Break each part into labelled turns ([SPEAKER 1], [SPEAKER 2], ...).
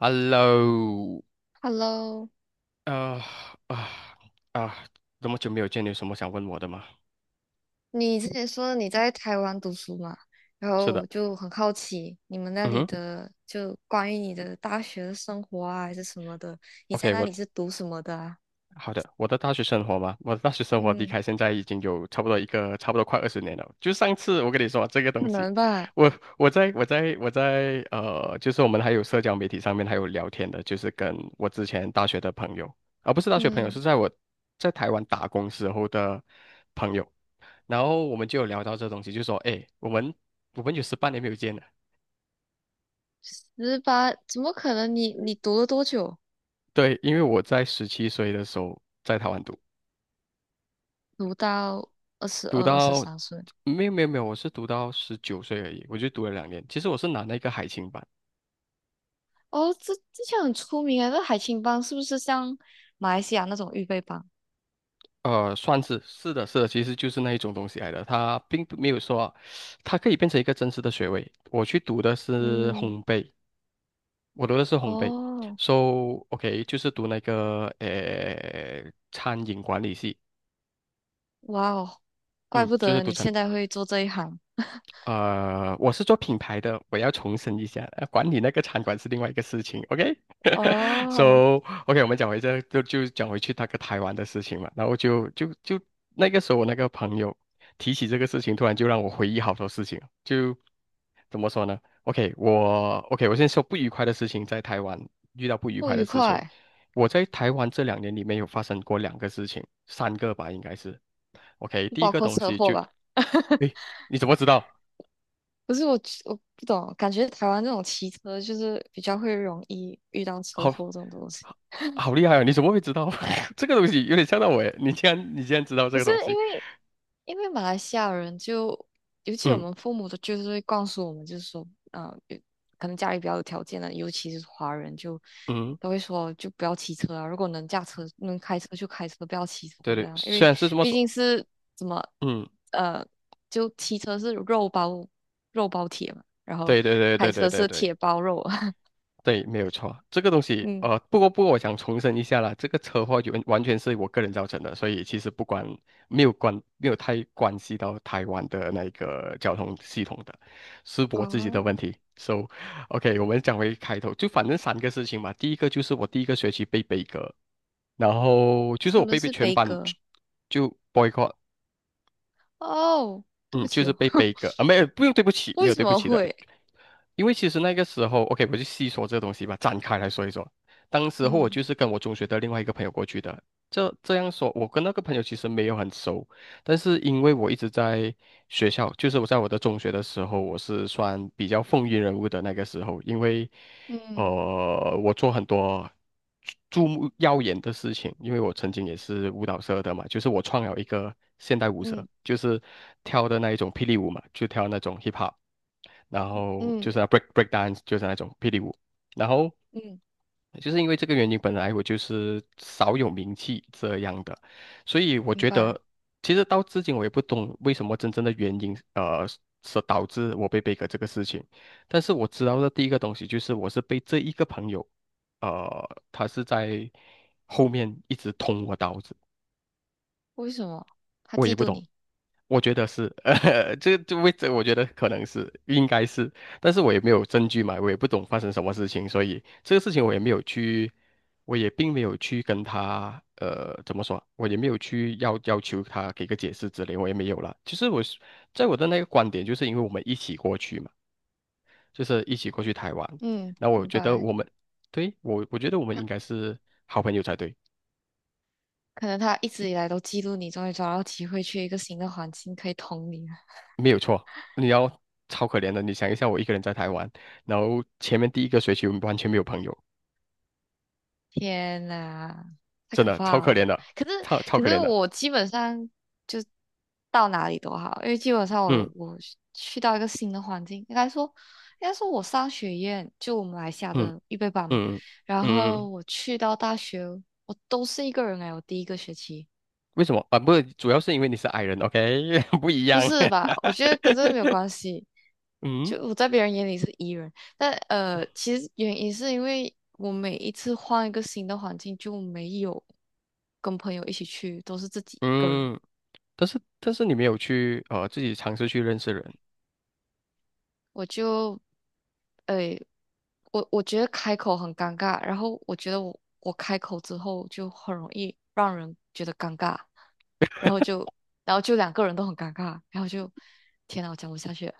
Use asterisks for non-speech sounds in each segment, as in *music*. [SPEAKER 1] Hello，
[SPEAKER 2] Hello，
[SPEAKER 1] 呃啊啊，这么久没有见，你有什么想问我的吗？
[SPEAKER 2] 你之前说你在台湾读书嘛，然
[SPEAKER 1] 是
[SPEAKER 2] 后我
[SPEAKER 1] 的，
[SPEAKER 2] 就很好奇你们那
[SPEAKER 1] 嗯
[SPEAKER 2] 里
[SPEAKER 1] 哼
[SPEAKER 2] 的，就关于你的大学的生活啊，还是什么的，你在
[SPEAKER 1] ，OK，
[SPEAKER 2] 那里是读什么的啊？
[SPEAKER 1] 好的，我的大学生活嘛，我的大学生活离
[SPEAKER 2] 嗯，
[SPEAKER 1] 开现在已经有差不多快20年了。就上次我跟你说这个
[SPEAKER 2] 可
[SPEAKER 1] 东西，
[SPEAKER 2] 能吧。
[SPEAKER 1] 我我在我在我在呃，就是我们还有社交媒体上面还有聊天的，就是跟我之前大学的朋友，不是大学朋友，
[SPEAKER 2] 嗯，
[SPEAKER 1] 是在台湾打工时候的朋友。然后我们就有聊到这东西，就说，哎，我们有18年没有见了。
[SPEAKER 2] 十八，怎么可能你？你读了多久？
[SPEAKER 1] 对，因为我在17岁的时候在台湾读，
[SPEAKER 2] 读到二十
[SPEAKER 1] 读
[SPEAKER 2] 二、二十
[SPEAKER 1] 到
[SPEAKER 2] 三岁？
[SPEAKER 1] 没有没有没有，我是读到19岁而已，我就读了两年。其实我是拿那个海青班，
[SPEAKER 2] 哦，这之前很出名啊，那海青帮是不是像马来西亚那种预备班？
[SPEAKER 1] 算是是的是的，其实就是那一种东西来的。它并不没有说啊，它可以变成一个真实的学位。我去读的是
[SPEAKER 2] 嗯。
[SPEAKER 1] 烘焙，我读的是烘焙
[SPEAKER 2] 哦，
[SPEAKER 1] ，so OK，就是读那个餐饮管理系，
[SPEAKER 2] 哇哦，怪
[SPEAKER 1] 嗯，
[SPEAKER 2] 不
[SPEAKER 1] 就是
[SPEAKER 2] 得
[SPEAKER 1] 读
[SPEAKER 2] 你
[SPEAKER 1] 餐
[SPEAKER 2] 现在会做这一行。
[SPEAKER 1] 呃，我是做品牌的，我要重申一下，管理那个餐馆是另外一个事情
[SPEAKER 2] 哦，
[SPEAKER 1] ，OK？So *laughs* OK，我们讲回这就就讲回去那个台湾的事情嘛，然后就就就那个时候我那个朋友提起这个事情，突然就让我回忆好多事情，就怎么说呢？OK，OK，我先说不愉快的事情，在台湾遇到不愉
[SPEAKER 2] 不
[SPEAKER 1] 快的
[SPEAKER 2] 愉
[SPEAKER 1] 事情，
[SPEAKER 2] 快，
[SPEAKER 1] 我在台湾这两年里面有发生过两个事情，三个吧应该是。OK，
[SPEAKER 2] 不
[SPEAKER 1] 第一
[SPEAKER 2] 包
[SPEAKER 1] 个
[SPEAKER 2] 括
[SPEAKER 1] 东
[SPEAKER 2] 车
[SPEAKER 1] 西
[SPEAKER 2] 祸
[SPEAKER 1] 就，
[SPEAKER 2] 吧？*laughs*
[SPEAKER 1] 诶，你怎么知道？
[SPEAKER 2] 不是我，我不懂，感觉台湾这种骑车就是比较会容易遇到
[SPEAKER 1] *laughs*
[SPEAKER 2] 车祸
[SPEAKER 1] 好，
[SPEAKER 2] 这种东西。
[SPEAKER 1] 好厉害啊！你怎么会知道 *laughs* 这个东西？有点吓到我耶！你竟然知道这
[SPEAKER 2] 不
[SPEAKER 1] 个
[SPEAKER 2] 是
[SPEAKER 1] 东
[SPEAKER 2] 因
[SPEAKER 1] 西？
[SPEAKER 2] 为因为马来西亚人就，尤其我
[SPEAKER 1] 嗯
[SPEAKER 2] 们父母的，就是会告诉我们，就是说，啊、有可能家里比较有条件的，尤其是华人就，
[SPEAKER 1] 嗯，
[SPEAKER 2] 都会说，就不要骑车啊，如果能驾车、能开车就开车，不要骑车
[SPEAKER 1] 对
[SPEAKER 2] 这
[SPEAKER 1] 对，
[SPEAKER 2] 样，因
[SPEAKER 1] 虽
[SPEAKER 2] 为
[SPEAKER 1] 然是这么
[SPEAKER 2] 毕
[SPEAKER 1] 说，
[SPEAKER 2] 竟是怎么，
[SPEAKER 1] 嗯，
[SPEAKER 2] 呃，就骑车是肉包铁嘛，然后
[SPEAKER 1] 对对对
[SPEAKER 2] 开
[SPEAKER 1] 对对
[SPEAKER 2] 车
[SPEAKER 1] 对
[SPEAKER 2] 是
[SPEAKER 1] 对
[SPEAKER 2] 铁包肉啊。*laughs*
[SPEAKER 1] 对，没有错。这个东西，
[SPEAKER 2] 嗯。
[SPEAKER 1] 不过，我想重申一下啦，这个车祸完完全是我个人造成的，所以其实不关没有关没有太关系到台湾的那个交通系统的，是我自己的
[SPEAKER 2] 哦，
[SPEAKER 1] 问题。So OK，我们讲回开头，就反正三个事情嘛。第一个就是我第一个学期被悲歌，然后就是
[SPEAKER 2] 什
[SPEAKER 1] 我
[SPEAKER 2] 么
[SPEAKER 1] 被
[SPEAKER 2] 是
[SPEAKER 1] 全
[SPEAKER 2] 悲
[SPEAKER 1] 班
[SPEAKER 2] 歌？
[SPEAKER 1] 就 boycott，
[SPEAKER 2] 哦，对
[SPEAKER 1] 嗯，
[SPEAKER 2] 不
[SPEAKER 1] 就
[SPEAKER 2] 起
[SPEAKER 1] 是
[SPEAKER 2] 哦。
[SPEAKER 1] 被背
[SPEAKER 2] *laughs*
[SPEAKER 1] 一个啊，没有，不用对不起，没
[SPEAKER 2] 为
[SPEAKER 1] 有
[SPEAKER 2] 什
[SPEAKER 1] 对不
[SPEAKER 2] 么
[SPEAKER 1] 起的。
[SPEAKER 2] 会？
[SPEAKER 1] 因为其实那个时候，OK，我就细说这个东西吧，展开来说一说。当时候我
[SPEAKER 2] 嗯
[SPEAKER 1] 就是跟我中学的另外一个朋友过去的。这样说，我跟那个朋友其实没有很熟，但是因为我一直在学校，就是我在我的中学的时候，我是算比较风云人物的那个时候，因为
[SPEAKER 2] 嗯
[SPEAKER 1] 我做很多注目耀眼的事情，因为我曾经也是舞蹈社的嘛，就是我创了一个现代舞社，
[SPEAKER 2] 嗯
[SPEAKER 1] 就是跳的那一种霹雳舞嘛，就跳那种 hip hop。然后
[SPEAKER 2] 嗯
[SPEAKER 1] 就是 break dance 就是那种霹雳舞，然后
[SPEAKER 2] 嗯。
[SPEAKER 1] 就是因为这个原因，本来我就是少有名气这样的，所以我
[SPEAKER 2] 明
[SPEAKER 1] 觉
[SPEAKER 2] 白。
[SPEAKER 1] 得其实到至今我也不懂为什么真正的原因，是导致我被 b 革这个事情，但是我知道的第一个东西就是我是被这一个朋友，他是在后面一直捅我刀子。
[SPEAKER 2] 为什么？他
[SPEAKER 1] 我
[SPEAKER 2] 嫉
[SPEAKER 1] 也不
[SPEAKER 2] 妒
[SPEAKER 1] 懂。
[SPEAKER 2] 你。
[SPEAKER 1] 我觉得是，*laughs* 这位置我觉得可能是应该是，但是我也没有证据嘛，我也不懂发生什么事情，所以这个事情我也并没有去跟他，怎么说啊，我也没有去要求他给个解释之类，我也没有了。其实我是在我的那个观点，就是因为我们一起过去嘛，就是一起过去台湾，
[SPEAKER 2] 嗯，
[SPEAKER 1] 那我
[SPEAKER 2] 明
[SPEAKER 1] 觉得
[SPEAKER 2] 白。
[SPEAKER 1] 我们，对，我觉得我们
[SPEAKER 2] 他
[SPEAKER 1] 应该是好朋友才对。
[SPEAKER 2] 可能他一直以来都嫉妒你，终于找到机会去一个新的环境可以捅你了。
[SPEAKER 1] 没有错，你要超可怜的。你想一下，我一个人在台湾，然后前面第一个学期完全没有朋友，
[SPEAKER 2] 天呐，太
[SPEAKER 1] 真
[SPEAKER 2] 可
[SPEAKER 1] 的超
[SPEAKER 2] 怕
[SPEAKER 1] 可怜
[SPEAKER 2] 了！
[SPEAKER 1] 的，
[SPEAKER 2] 可是
[SPEAKER 1] 超超
[SPEAKER 2] 可
[SPEAKER 1] 可
[SPEAKER 2] 是
[SPEAKER 1] 怜的。
[SPEAKER 2] 我基本上就到哪里都好，因为基本上我
[SPEAKER 1] 嗯
[SPEAKER 2] 我去到一个新的环境，应该说我商学院就我们马来西亚
[SPEAKER 1] 嗯
[SPEAKER 2] 的预备班嘛，
[SPEAKER 1] 嗯嗯
[SPEAKER 2] 然
[SPEAKER 1] 嗯，
[SPEAKER 2] 后
[SPEAKER 1] 嗯
[SPEAKER 2] 我去到大学，我都是一个人哎，我第一个学期。
[SPEAKER 1] 为什么啊？不是，主要是因为你是 i 人，OK，*laughs* 不一
[SPEAKER 2] 不
[SPEAKER 1] 样。
[SPEAKER 2] 是吧？我觉
[SPEAKER 1] *laughs*
[SPEAKER 2] 得跟这个没有关系。
[SPEAKER 1] 嗯
[SPEAKER 2] 就我在别人眼里是 E 人，但其实原因是因为我每一次换一个新的环境，就没有跟朋友一起去，都是自己一个人。
[SPEAKER 1] 嗯，但是你没有去自己尝试去认识人。
[SPEAKER 2] 我就诶、我我觉得开口很尴尬，然后我觉得我开口之后就很容易让人觉得尴尬，然后就然后就两个人都很尴尬，然后就天呐，我讲不下去了。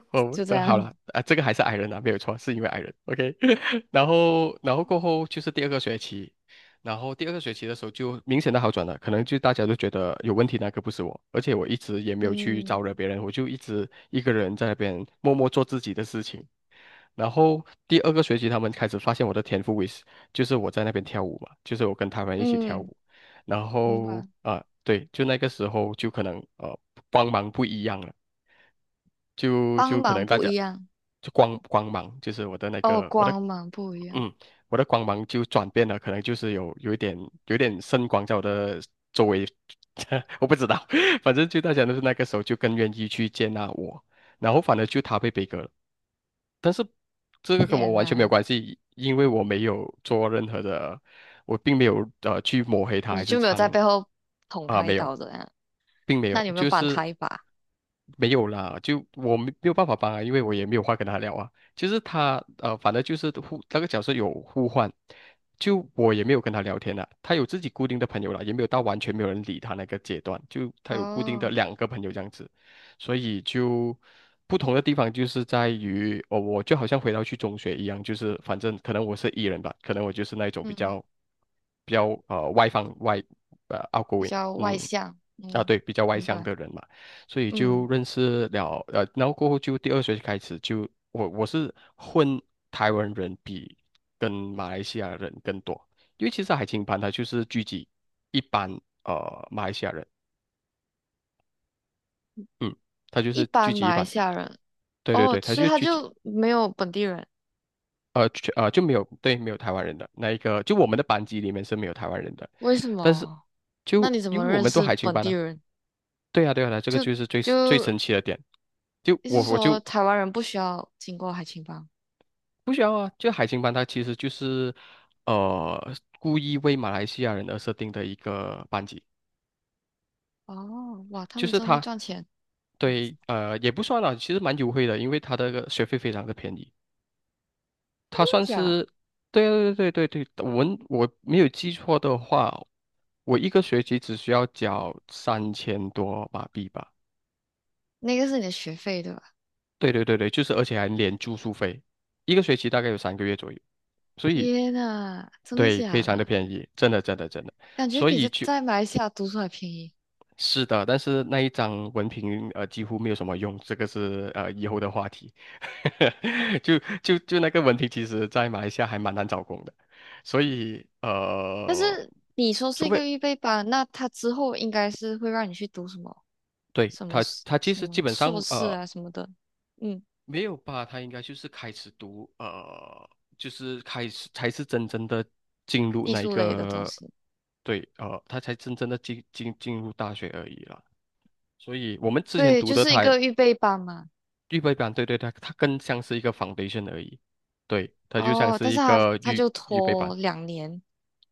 [SPEAKER 2] *laughs*
[SPEAKER 1] 哦，
[SPEAKER 2] 就这
[SPEAKER 1] 那好
[SPEAKER 2] 样。
[SPEAKER 1] 了啊，这个还是矮人啊，没有错，是因为矮人。OK，*laughs* 然后过后就是第二个学期。然后第二个学期的时候就明显的好转了，可能就大家都觉得有问题那个不是我，而且我一直也没有去
[SPEAKER 2] 嗯
[SPEAKER 1] 招惹别人，我就一直一个人在那边默默做自己的事情。然后第二个学期，他们开始发现我的天赋为是，就是我在那边跳舞嘛，就是我跟他们一起跳
[SPEAKER 2] 嗯，
[SPEAKER 1] 舞，然
[SPEAKER 2] 明
[SPEAKER 1] 后
[SPEAKER 2] 白。
[SPEAKER 1] 啊、对，就那个时候就可能帮忙不一样了。就
[SPEAKER 2] 帮
[SPEAKER 1] 就可
[SPEAKER 2] 忙
[SPEAKER 1] 能大
[SPEAKER 2] 不
[SPEAKER 1] 家
[SPEAKER 2] 一样
[SPEAKER 1] 就光芒，就是我的那
[SPEAKER 2] 哦，
[SPEAKER 1] 个我的，
[SPEAKER 2] 光芒不一样。
[SPEAKER 1] 嗯，我的光芒就转变了，可能就是有一点圣光在我的周围，*laughs* 我不知道，*laughs* 反正就大家都是那个时候就更愿意去接纳我，然后反而就他被悲歌了，但是这个跟我
[SPEAKER 2] 天
[SPEAKER 1] 完全没有
[SPEAKER 2] 哪，
[SPEAKER 1] 关系，因为我没有做任何的，我并没有去抹黑他
[SPEAKER 2] 你
[SPEAKER 1] 还是
[SPEAKER 2] 就没有在背后捅他一
[SPEAKER 1] 没有，
[SPEAKER 2] 刀的样？
[SPEAKER 1] 并没
[SPEAKER 2] 那
[SPEAKER 1] 有，
[SPEAKER 2] 你有没有
[SPEAKER 1] 就
[SPEAKER 2] 帮
[SPEAKER 1] 是。
[SPEAKER 2] 他一把？
[SPEAKER 1] 没有啦，就我没有办法帮啊，因为我也没有话跟他聊啊。就是他反正就是那个角色有互换，就我也没有跟他聊天了。他有自己固定的朋友了，也没有到完全没有人理他那个阶段，就他有固定的
[SPEAKER 2] 哦。
[SPEAKER 1] 两个朋友这样子，所以就不同的地方就是在于，哦，我就好像回到去中学一样，就是反正可能我是 E 人吧，可能我就是那一种比
[SPEAKER 2] 嗯，
[SPEAKER 1] 较比较呃外放外呃
[SPEAKER 2] 比
[SPEAKER 1] outgoing，
[SPEAKER 2] 较外
[SPEAKER 1] 嗯
[SPEAKER 2] 向，
[SPEAKER 1] 啊
[SPEAKER 2] 嗯。
[SPEAKER 1] 对，比较外
[SPEAKER 2] 明
[SPEAKER 1] 向
[SPEAKER 2] 白。
[SPEAKER 1] 的人嘛。所以就
[SPEAKER 2] 嗯。
[SPEAKER 1] 认识了，然后过后就第二学期开始就我是混台湾人比跟马来西亚人更多，因为其实海青班它就是聚集一班马来西亚人，嗯，它就
[SPEAKER 2] 一
[SPEAKER 1] 是聚
[SPEAKER 2] 般
[SPEAKER 1] 集
[SPEAKER 2] 马
[SPEAKER 1] 一
[SPEAKER 2] 来
[SPEAKER 1] 班，
[SPEAKER 2] 西亚人。
[SPEAKER 1] 对对
[SPEAKER 2] 哦，
[SPEAKER 1] 对，它
[SPEAKER 2] 所以
[SPEAKER 1] 就
[SPEAKER 2] 他
[SPEAKER 1] 聚集
[SPEAKER 2] 就没有本地人，
[SPEAKER 1] 呃全呃就没有对没有台湾人的那一个，就我们的班级里面是没有台湾人的，
[SPEAKER 2] 为什
[SPEAKER 1] 但是
[SPEAKER 2] 么？那
[SPEAKER 1] 就
[SPEAKER 2] 你怎
[SPEAKER 1] 因
[SPEAKER 2] 么
[SPEAKER 1] 为我
[SPEAKER 2] 认
[SPEAKER 1] 们都
[SPEAKER 2] 识
[SPEAKER 1] 海青
[SPEAKER 2] 本
[SPEAKER 1] 班
[SPEAKER 2] 地
[SPEAKER 1] 啊，
[SPEAKER 2] 人？
[SPEAKER 1] 对啊对啊，对啊这个
[SPEAKER 2] 就
[SPEAKER 1] 就是最
[SPEAKER 2] 就
[SPEAKER 1] 神奇的点。就
[SPEAKER 2] 意
[SPEAKER 1] 我
[SPEAKER 2] 思
[SPEAKER 1] 我就
[SPEAKER 2] 说台湾人不需要经过海青帮。
[SPEAKER 1] 不需要啊，就海星班它其实就是呃故意为马来西亚人而设定的一个班级，
[SPEAKER 2] 哦，哇，他
[SPEAKER 1] 就
[SPEAKER 2] 们
[SPEAKER 1] 是
[SPEAKER 2] 真会赚钱。*laughs*
[SPEAKER 1] 对
[SPEAKER 2] 真
[SPEAKER 1] 也不算啦，其实蛮优惠的，因为它的个学费非常的便宜，
[SPEAKER 2] 的
[SPEAKER 1] 它算
[SPEAKER 2] 假？
[SPEAKER 1] 是对对对对对。我没有记错的话，我一个学期只需要交3000多马币吧。
[SPEAKER 2] 那个是你的学费对吧？
[SPEAKER 1] 对对对对，就是而且还连住宿费，一个学期大概有3个月左右。所以
[SPEAKER 2] 天呐，真的
[SPEAKER 1] 对非
[SPEAKER 2] 假
[SPEAKER 1] 常的
[SPEAKER 2] 的？
[SPEAKER 1] 便宜，真的真的真的。
[SPEAKER 2] 感觉
[SPEAKER 1] 所
[SPEAKER 2] 比
[SPEAKER 1] 以
[SPEAKER 2] 在
[SPEAKER 1] 就
[SPEAKER 2] 在马来西亚读书还便宜。
[SPEAKER 1] 是的，但是那一张文凭几乎没有什么用，这个是以后的话题。*laughs* 就那个文凭，其实在马来西亚还蛮难找工的，所以
[SPEAKER 2] 但是你说是
[SPEAKER 1] 除
[SPEAKER 2] 一
[SPEAKER 1] 非
[SPEAKER 2] 个预备班，那他之后应该是会让你去读什么
[SPEAKER 1] 对
[SPEAKER 2] 什么
[SPEAKER 1] 他
[SPEAKER 2] s-
[SPEAKER 1] 他其
[SPEAKER 2] 什
[SPEAKER 1] 实基
[SPEAKER 2] 么
[SPEAKER 1] 本
[SPEAKER 2] 硕
[SPEAKER 1] 上
[SPEAKER 2] 士啊什么的，嗯，
[SPEAKER 1] 没有吧，他应该就是开始读就是开始才是真正的进入
[SPEAKER 2] 技
[SPEAKER 1] 那一
[SPEAKER 2] 术类的东
[SPEAKER 1] 个
[SPEAKER 2] 西。
[SPEAKER 1] 对他才真正的进入大学而已啦。所以我们之前
[SPEAKER 2] 对，
[SPEAKER 1] 读
[SPEAKER 2] 就
[SPEAKER 1] 的
[SPEAKER 2] 是一
[SPEAKER 1] 他。
[SPEAKER 2] 个预备班嘛。
[SPEAKER 1] 预备班，对对，它更像是一个 foundation 而已，对，它就像
[SPEAKER 2] 哦，
[SPEAKER 1] 是
[SPEAKER 2] 但是
[SPEAKER 1] 一
[SPEAKER 2] 他
[SPEAKER 1] 个
[SPEAKER 2] 他
[SPEAKER 1] 预
[SPEAKER 2] 就
[SPEAKER 1] 预备班，
[SPEAKER 2] 拖两年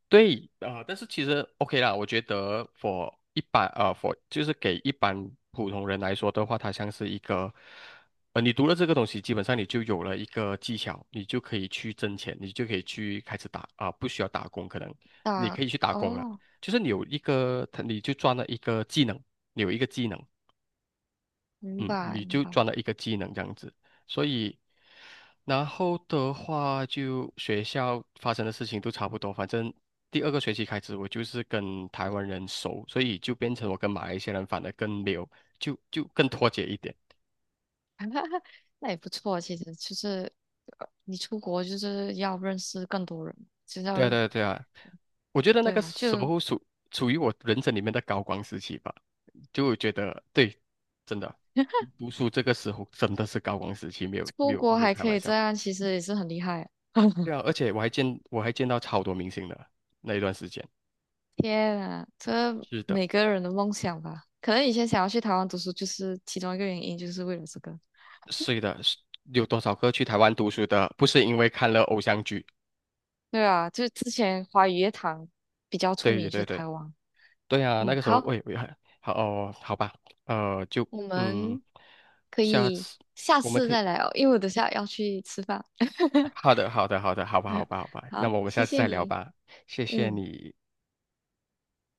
[SPEAKER 1] 对啊、但是其实 OK 啦，我觉得 for 就是给一般普通人来说的话，它像是一个，你读了这个东西，基本上你就有了一个技巧，你就可以去挣钱，你就可以去开始打啊、呃不需要打工，可能你可
[SPEAKER 2] 大。
[SPEAKER 1] 以去打工了，
[SPEAKER 2] 哦，
[SPEAKER 1] 你就赚了一个技能，你有一个技能。
[SPEAKER 2] 明
[SPEAKER 1] 嗯，
[SPEAKER 2] 白
[SPEAKER 1] 你
[SPEAKER 2] 明
[SPEAKER 1] 就
[SPEAKER 2] 白，
[SPEAKER 1] 赚了一个技能这样子，所以，然后的话就学校发生的事情都差不多，反正第二个学期开始我就是跟台湾人熟，所以就变成我跟马来西亚人反而更没有，就更脱节一点。
[SPEAKER 2] 那也不错。其实就是你出国就是要认识更多人，就是要
[SPEAKER 1] 对啊，对啊，对啊，我觉得那
[SPEAKER 2] 对
[SPEAKER 1] 个
[SPEAKER 2] 啊，
[SPEAKER 1] 时
[SPEAKER 2] 就
[SPEAKER 1] 候属于我人生里面的高光时期吧，就我觉得对，真的，读书这个时候真的是高光时期，没有没
[SPEAKER 2] 出
[SPEAKER 1] 有
[SPEAKER 2] 国
[SPEAKER 1] 没有
[SPEAKER 2] 还
[SPEAKER 1] 开
[SPEAKER 2] 可
[SPEAKER 1] 玩
[SPEAKER 2] 以这
[SPEAKER 1] 笑。
[SPEAKER 2] 样，其实也是很厉害。*laughs*
[SPEAKER 1] 对啊，而且我还见到超多明星的那一段时间。
[SPEAKER 2] 天啊，这
[SPEAKER 1] 是的，
[SPEAKER 2] 每个人的梦想吧。可能以前想要去台湾读书，就是其中一个原因，就是为了这个。
[SPEAKER 1] 是的，是有多少个去台湾读书的，不是因为看了偶像剧？
[SPEAKER 2] 对啊，就是之前华语乐坛比较出
[SPEAKER 1] 对
[SPEAKER 2] 名，就是
[SPEAKER 1] 对对
[SPEAKER 2] 台湾。
[SPEAKER 1] 对啊，那
[SPEAKER 2] 嗯，
[SPEAKER 1] 个时候
[SPEAKER 2] 好，
[SPEAKER 1] 喂喂。好哦，好吧，就
[SPEAKER 2] 我
[SPEAKER 1] 嗯，
[SPEAKER 2] 们可
[SPEAKER 1] 下
[SPEAKER 2] 以
[SPEAKER 1] 次
[SPEAKER 2] 下
[SPEAKER 1] 我们
[SPEAKER 2] 次
[SPEAKER 1] 可以。
[SPEAKER 2] 再来哦，因为我等下要去吃饭。*laughs*
[SPEAKER 1] 好的好的好的，好吧好吧好吧，那
[SPEAKER 2] 好，
[SPEAKER 1] 么我们
[SPEAKER 2] 谢
[SPEAKER 1] 下次
[SPEAKER 2] 谢
[SPEAKER 1] 再聊
[SPEAKER 2] 你。
[SPEAKER 1] 吧，谢谢
[SPEAKER 2] 嗯。
[SPEAKER 1] 你。